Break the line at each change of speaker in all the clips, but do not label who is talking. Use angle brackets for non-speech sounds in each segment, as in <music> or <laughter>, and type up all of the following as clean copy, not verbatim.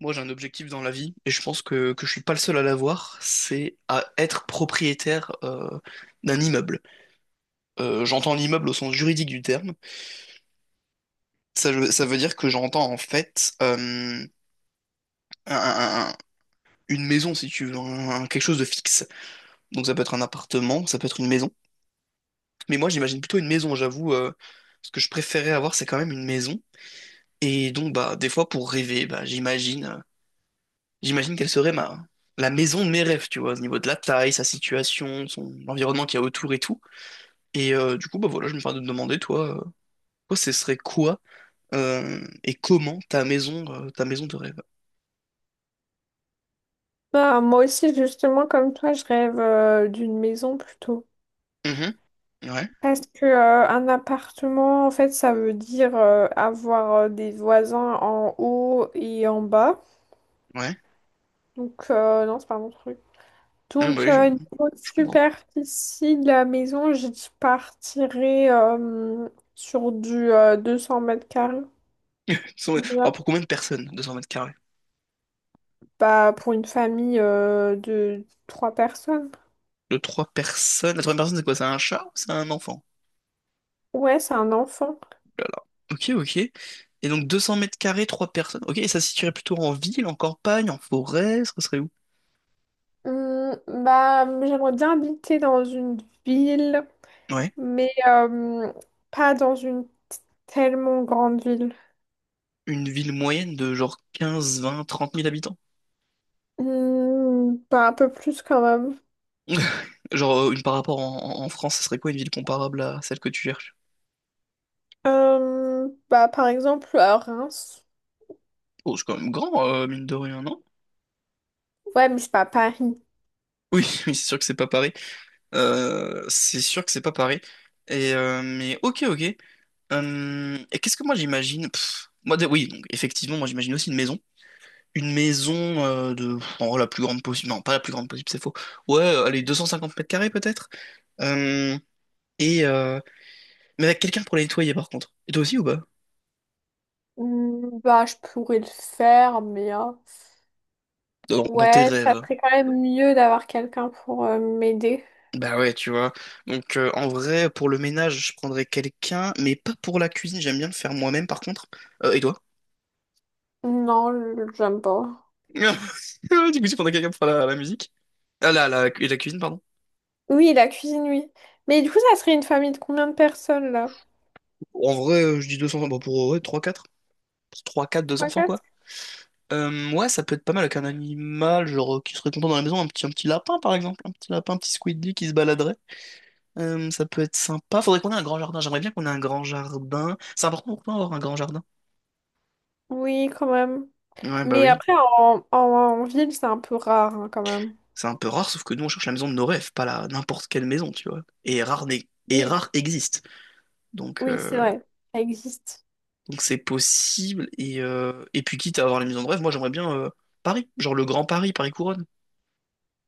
Moi, j'ai un objectif dans la vie, et je pense que je suis pas le seul à l'avoir, c'est à être propriétaire d'un immeuble. J'entends l'immeuble au sens juridique du terme. Ça, ça veut dire que j'entends en fait un- un- un- une maison, si tu veux, quelque chose de fixe. Donc ça peut être un appartement, ça peut être une maison. Mais moi, j'imagine plutôt une maison, j'avoue. Ce que je préférais avoir, c'est quand même une maison. Et donc, bah, des fois, pour rêver, bah, j'imagine. J'imagine qu'elle serait la maison de mes rêves, tu vois, au niveau de la taille, sa situation, son l'environnement qu'il y a autour et tout. Et du coup, bah voilà, je me permets de te demander, toi, ce serait quoi et comment ta maison, de rêve?
Moi aussi, justement, comme toi, je rêve d'une maison plutôt.
Mhm. Ouais,
Parce que un appartement, en fait, ça veut dire avoir des voisins en haut et en bas.
ouais.
Donc, non, c'est pas mon truc.
Ouais, bah
Donc,
oui, je,
niveau
je comprends.
superficie de la maison, je partirais sur du 200 mètres carrés
Cent- Alors
déjà.
pour combien de personnes, 200 mètres carrés?
Bah, pour une famille de trois personnes.
De trois personnes? La troisième personne, c'est quoi? C'est un chat ou c'est un enfant?
Ouais, c'est un enfant.
Oh là là. Ok, ok. Et donc 200 mètres carrés, trois personnes. Ok, et ça se situerait plutôt en ville, en campagne, en forêt, ce serait où?
Hum, Bah, j'aimerais bien habiter dans une ville,
Ouais.
mais pas dans une tellement grande ville.
Une ville moyenne de genre quinze vingt trente mille habitants.
Bah, un peu plus quand même.
<laughs> Genre, une par rapport en France, ça serait quoi une ville comparable à celle que tu cherches?
Bah, par exemple, à Reims.
Oh, c'est quand même grand, mine de rien, non?
Ouais, mais c'est pas Paris.
Oui, <laughs> oui, c'est sûr que c'est pas pareil. C'est sûr que c'est pas pareil. Et, mais ok, ok. Et qu'est-ce que moi j'imagine? Moi, oui, donc effectivement, moi j'imagine aussi une maison. Une maison de en vrai, la plus grande possible. Non, pas la plus grande possible, c'est faux. Ouais, allez, 250 mètres carrés peut-être. Euh, et mais avec quelqu'un pour la nettoyer par contre. Et toi aussi ou pas?
Bah, je pourrais le faire, mais
Dans tes
ouais, ça
rêves.
serait quand même mieux d'avoir quelqu'un pour m'aider.
Bah ouais, tu vois. Donc en vrai, pour le ménage, je prendrais quelqu'un, mais pas pour la cuisine, j'aime bien le faire moi-même par contre. Et toi?
Non, j'aime pas.
<laughs> Du coup, tu prendrais quelqu'un pour faire la musique? Ah là, la cuisine, pardon.
Oui, la cuisine, oui. Mais du coup, ça serait une famille de combien de personnes là?
En vrai, je dis deux enfants bon, pour ouais, 3-4. 3-4, deux
Trois.
enfants, quoi. Ouais, ça peut être pas mal avec un animal, genre, qui serait content dans la maison, un petit lapin, par exemple. Un petit lapin, un petit squidly qui se baladerait. Ça peut être sympa. Faudrait qu'on ait un grand jardin. J'aimerais bien qu'on ait un grand jardin. C'est important pour toi d'avoir un grand jardin.
Oui, quand même.
Ouais, bah
Mais
oui.
après, en ville, c'est un peu rare, hein, quand même.
C'est un peu rare, sauf que nous, on cherche la maison de nos rêves, pas la n'importe quelle maison, tu vois. Et rare, et
Oui,
rare existe. Donc,
oui, c'est
euh,
vrai. Ça existe.
donc c'est possible. Et puis, quitte à avoir les maisons de rêve, moi, j'aimerais bien Paris. Genre le Grand Paris, Paris Couronne.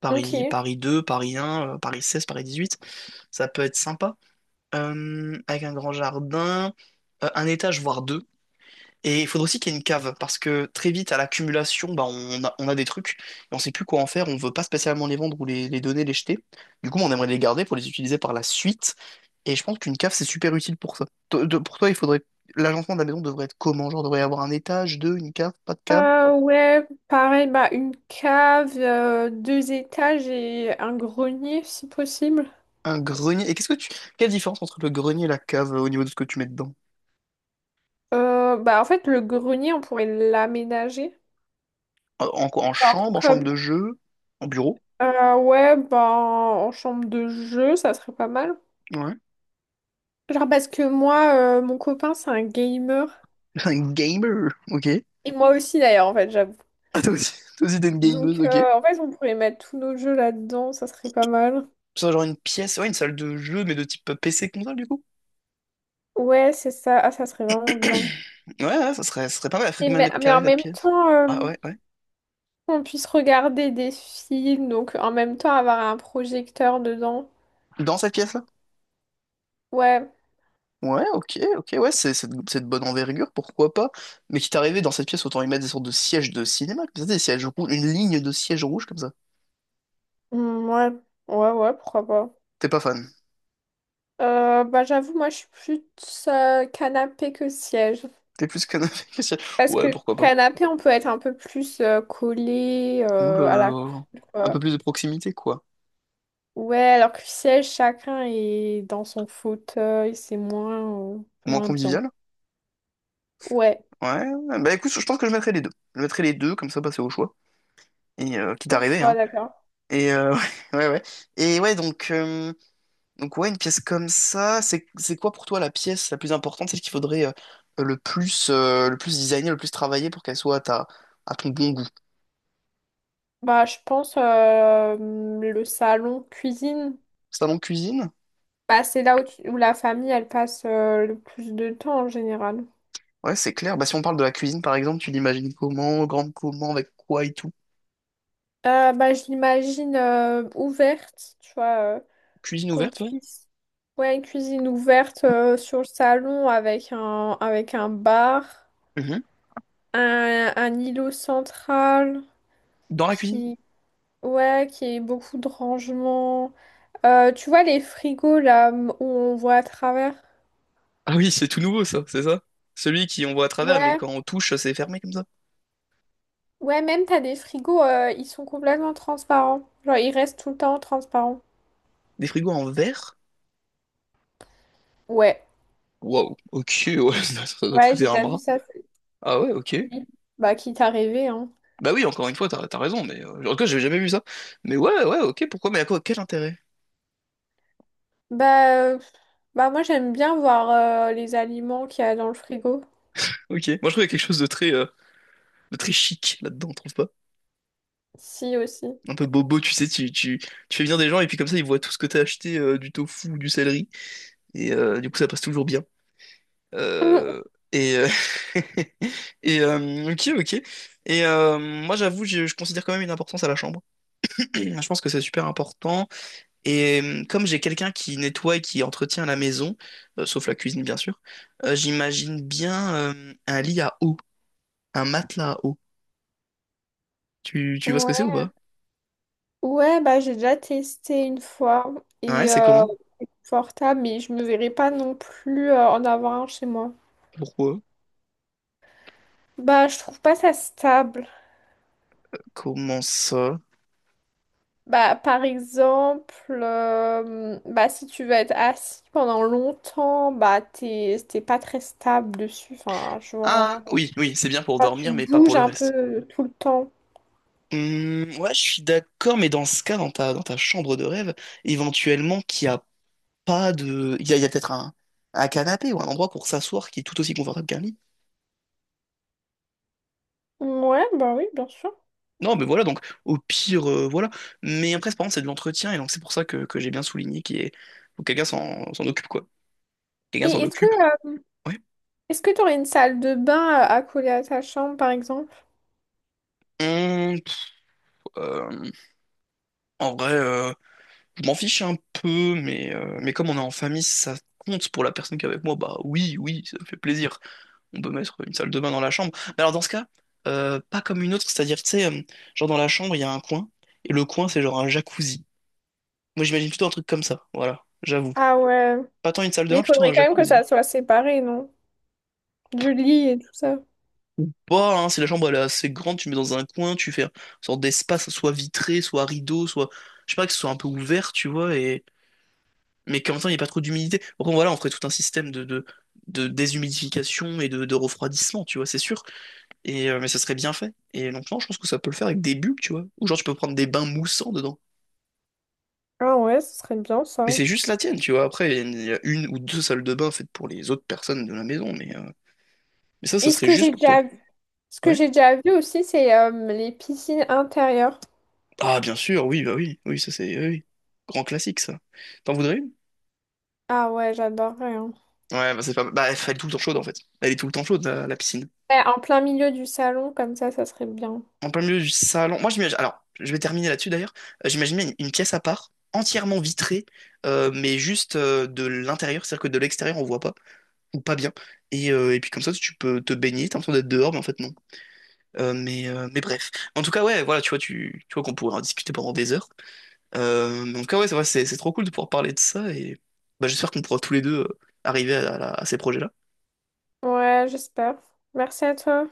Paris,
Ok.
Paris 2 Paris un Paris 16 Paris dix-huit. Ça peut être sympa. Avec un grand jardin, un étage, voire deux. Et il faudrait aussi qu'il y ait une cave, parce que très vite, à l'accumulation, bah, on a des trucs, et on sait plus quoi en faire, on veut pas spécialement les vendre ou les donner, les jeter. Du coup, on aimerait les garder pour les utiliser par la suite, et je pense qu'une cave, c'est super utile pour ça. Pour toi, il faudrait. L'agencement de la maison devrait être comment? Genre, devrait y avoir un étage, deux, une cave, pas de cave,
Ouais, pareil, bah, une cave, deux étages et un grenier, si possible.
un grenier. Et qu'est-ce que tu. Quelle différence entre le grenier et la cave au niveau de ce que tu mets dedans?
Bah, en fait, le grenier, on pourrait l'aménager.
En quoi?
Genre,
En chambre
comme,
de jeu, en bureau?
ouais, bah, en chambre de jeu, ça serait pas mal.
Ouais.
Genre, parce que moi, mon copain, c'est un gamer.
<laughs> Un gamer, ok. <laughs>
Et moi aussi, d'ailleurs, en fait, j'avoue.
Ah, toi aussi t'es une gameuse,
Donc,
ok.
en fait, on pourrait mettre tous nos jeux là-dedans, ça serait pas mal.
Ça, genre une pièce, ouais, une salle de jeu, mais de type PC console, du coup.
Ouais, c'est ça. Ah, ça serait vraiment bien.
<clears throat> Ouais, ouais, ça serait pas mal. Elle ferait
Et
combien de
mais,
mètres
mais
carrés,
en
cette
même
pièce?
temps,
Ah ouais, ouais.
on puisse regarder des films, donc en même temps avoir un projecteur dedans.
Dans cette pièce-là?
Ouais.
Ouais, ok, ok, ouais, c'est de bonne envergure, pourquoi pas. Mais quitte à arriver dans cette pièce, autant y mettre des sortes de sièges de cinéma, comme ça, des sièges rouges, une ligne de sièges rouges comme ça.
Hmm, ouais, ouais, ouais, pourquoi pas.
T'es pas fan.
Bah, j'avoue, moi, je suis plus canapé que siège.
T'es plus canapé que <laughs> siège.
Parce
Ouais,
que
pourquoi pas.
canapé, on peut être un peu plus collé
Ouh là
à la
là. Un peu
coupe.
plus de proximité, quoi.
Ouais, alors que le siège, chacun est dans son fauteuil, c'est moins,
Moins
moins bien.
convivial.
Ouais,
Ouais, ouais. Bah écoute, je pense que je mettrai les deux. Je mettrai les deux, comme ça, bah, c'est au choix. Et quitte à
au
arriver, hein.
choix, d'accord.
Et <laughs> ouais, ouais, ouais. Et ouais, donc ouais, une pièce comme ça, c'est quoi pour toi la pièce la plus importante, celle qu'il faudrait le plus le plus designer, le plus travailler pour qu'elle soit à ta, à ton bon goût?
Bah, je pense le salon cuisine.
Salon de cuisine?
Bah, c'est là où la famille, elle passe le plus de temps en général.
Ouais, c'est clair. Bah si on parle de la cuisine par exemple, tu l'imagines comment, grande comment, avec quoi et tout.
Bah, je l'imagine ouverte, tu vois,
Cuisine
qu'on
ouverte, ouais.
puisse... Ouais, une cuisine ouverte sur le salon avec avec un bar,
Mhm.
un îlot central
Dans la cuisine?
qui... Ouais, qu'il y ait beaucoup de rangement. Tu vois les frigos où on voit à travers?
Ah oui, c'est tout nouveau ça, c'est ça? Celui qui on voit à travers, mais
Ouais,
quand on touche, c'est fermé comme ça.
ouais, même t'as des frigos, ils sont complètement transparents. Genre ils restent tout le temps transparents.
Des frigos en verre?
Ouais,
Waouh, ok, ouais, <laughs> ça doit
ouais,
coûter
j'ai
un
déjà vu
bras.
ça.
Ah ouais, ok.
Bah quitte à rêver, hein.
Bah oui, encore une fois, t'as raison, mais en tout cas, j'avais jamais vu ça. Mais ouais, ouais, ok, pourquoi, mais à quoi, quel intérêt?
Bah, euh, Bah moi j'aime bien voir les aliments qu'il y a dans le frigo.
Ok. Moi, je trouve qu'il y a quelque chose de très, chic là-dedans, trouve pas?
Si aussi.
Un peu bobo, tu sais, tu fais venir des gens et puis comme ça, ils voient tout ce que t'as acheté, du tofu ou du céleri, et du coup, ça passe toujours bien. Euh,
<laughs>
et, <laughs> ok, ok. Et moi, j'avoue, je considère quand même une importance à la chambre. <clears throat> Je pense que c'est super important. Et comme j'ai quelqu'un qui nettoie et qui entretient la maison, sauf la cuisine bien sûr, j'imagine bien un lit à eau, un matelas à eau. Tu
Mm.
vois ce que c'est
Ouais.
ou pas?
Ouais, bah j'ai déjà testé une fois
Ouais,
et
c'est
euh,
comment?
portable, mais je me verrais pas non plus en avoir un chez moi.
Pourquoi?
Bah, je trouve pas ça stable.
Comment ça?
Bah, par exemple, bah, si tu veux être assis pendant longtemps, bah, t'es pas très stable dessus. Enfin, je
Ah
vois.
oui, oui, c'est bien pour
Enfin, tu
dormir, mais pas pour
bouges
le
un
reste.
peu tout le temps.
Ouais, je suis d'accord, mais dans ce cas, dans ta chambre de rêve, éventuellement qu'il n'y a pas de. Il y a peut-être un canapé ou un endroit pour s'asseoir qui est tout aussi confortable qu'un lit.
Ouais, bah oui, bien sûr.
Non, mais voilà, donc au pire, voilà. Mais après, c'est par contre, c'est de l'entretien, et donc c'est pour ça que j'ai bien souligné qu'il est. Faut que quelqu'un s'en occupe, quoi. Quelqu'un s'en
Et est-ce que,
occupe,
euh,
ouais.
Est-ce que t'aurais une salle de bain à coller à ta chambre, par exemple?
Hum, pff, euh, En vrai, je m'en fiche un peu, mais comme on est en famille, si ça compte pour la personne qui est avec moi, bah oui, oui, ça me fait plaisir. On peut mettre une salle de bain dans la chambre. Mais alors dans ce cas, pas comme une autre, c'est-à-dire, tu sais, genre dans la chambre, il y a un coin, et le coin, c'est genre un jacuzzi. Moi, j'imagine plutôt un truc comme ça, voilà, j'avoue.
Ah ouais.
Pas tant une salle de
Mais
bain,
il
plutôt
faudrait
un
quand même que
jacuzzi.
ça soit séparé, non? Du lit et tout ça.
Pas, hein, c'est la chambre, elle est assez grande, tu mets dans un coin, tu fais une sorte d'espace, soit vitré, soit rideau, soit, je sais pas, que ce soit un peu ouvert, tu vois, et, mais qu'en même temps, il n'y ait pas trop d'humidité. Bon, voilà, on ferait tout un système de déshumidification et de refroidissement, tu vois, c'est sûr. Mais ça serait bien fait. Et donc, non, je pense que ça peut le faire avec des bulles, tu vois, ou genre, tu peux prendre des bains moussants dedans.
Ah ouais, ce serait bien
Mais
ça.
c'est juste la tienne, tu vois. Après, il y a une ou deux salles de bain faites pour les autres personnes de la maison, mais ça
Et ce
serait
que
juste
j'ai
pour toi.
déjà Ce que
Ouais.
j'ai déjà vu aussi, c'est les piscines intérieures.
Ah, bien sûr, oui, bah oui, oui, oui, oui. Grand classique, ça. T'en voudrais une?
Ah ouais, j'adorerais, hein.
Ouais, bah c'est pas, bah elle est tout le temps chaude en fait. Elle est tout le temps chaude, la piscine.
Ouais, en plein milieu du salon, comme ça serait bien.
En plein milieu du salon. Moi, j'imagine, alors, je vais terminer là-dessus d'ailleurs. J'imaginais une pièce à part, entièrement vitrée, mais juste de l'intérieur, c'est-à-dire que de l'extérieur on voit pas, ou pas bien. Et puis comme ça, tu peux te baigner, t'as l'impression d'être dehors, mais en fait non. Mais bref. En tout cas, ouais, voilà, tu vois, tu vois qu'on pourrait en discuter pendant des heures. Donc ah ouais, c'est vrai, c'est trop cool de pouvoir parler de ça et bah, j'espère qu'on pourra tous les deux arriver à ces projets-là.
Ouais, j'espère. Merci à toi.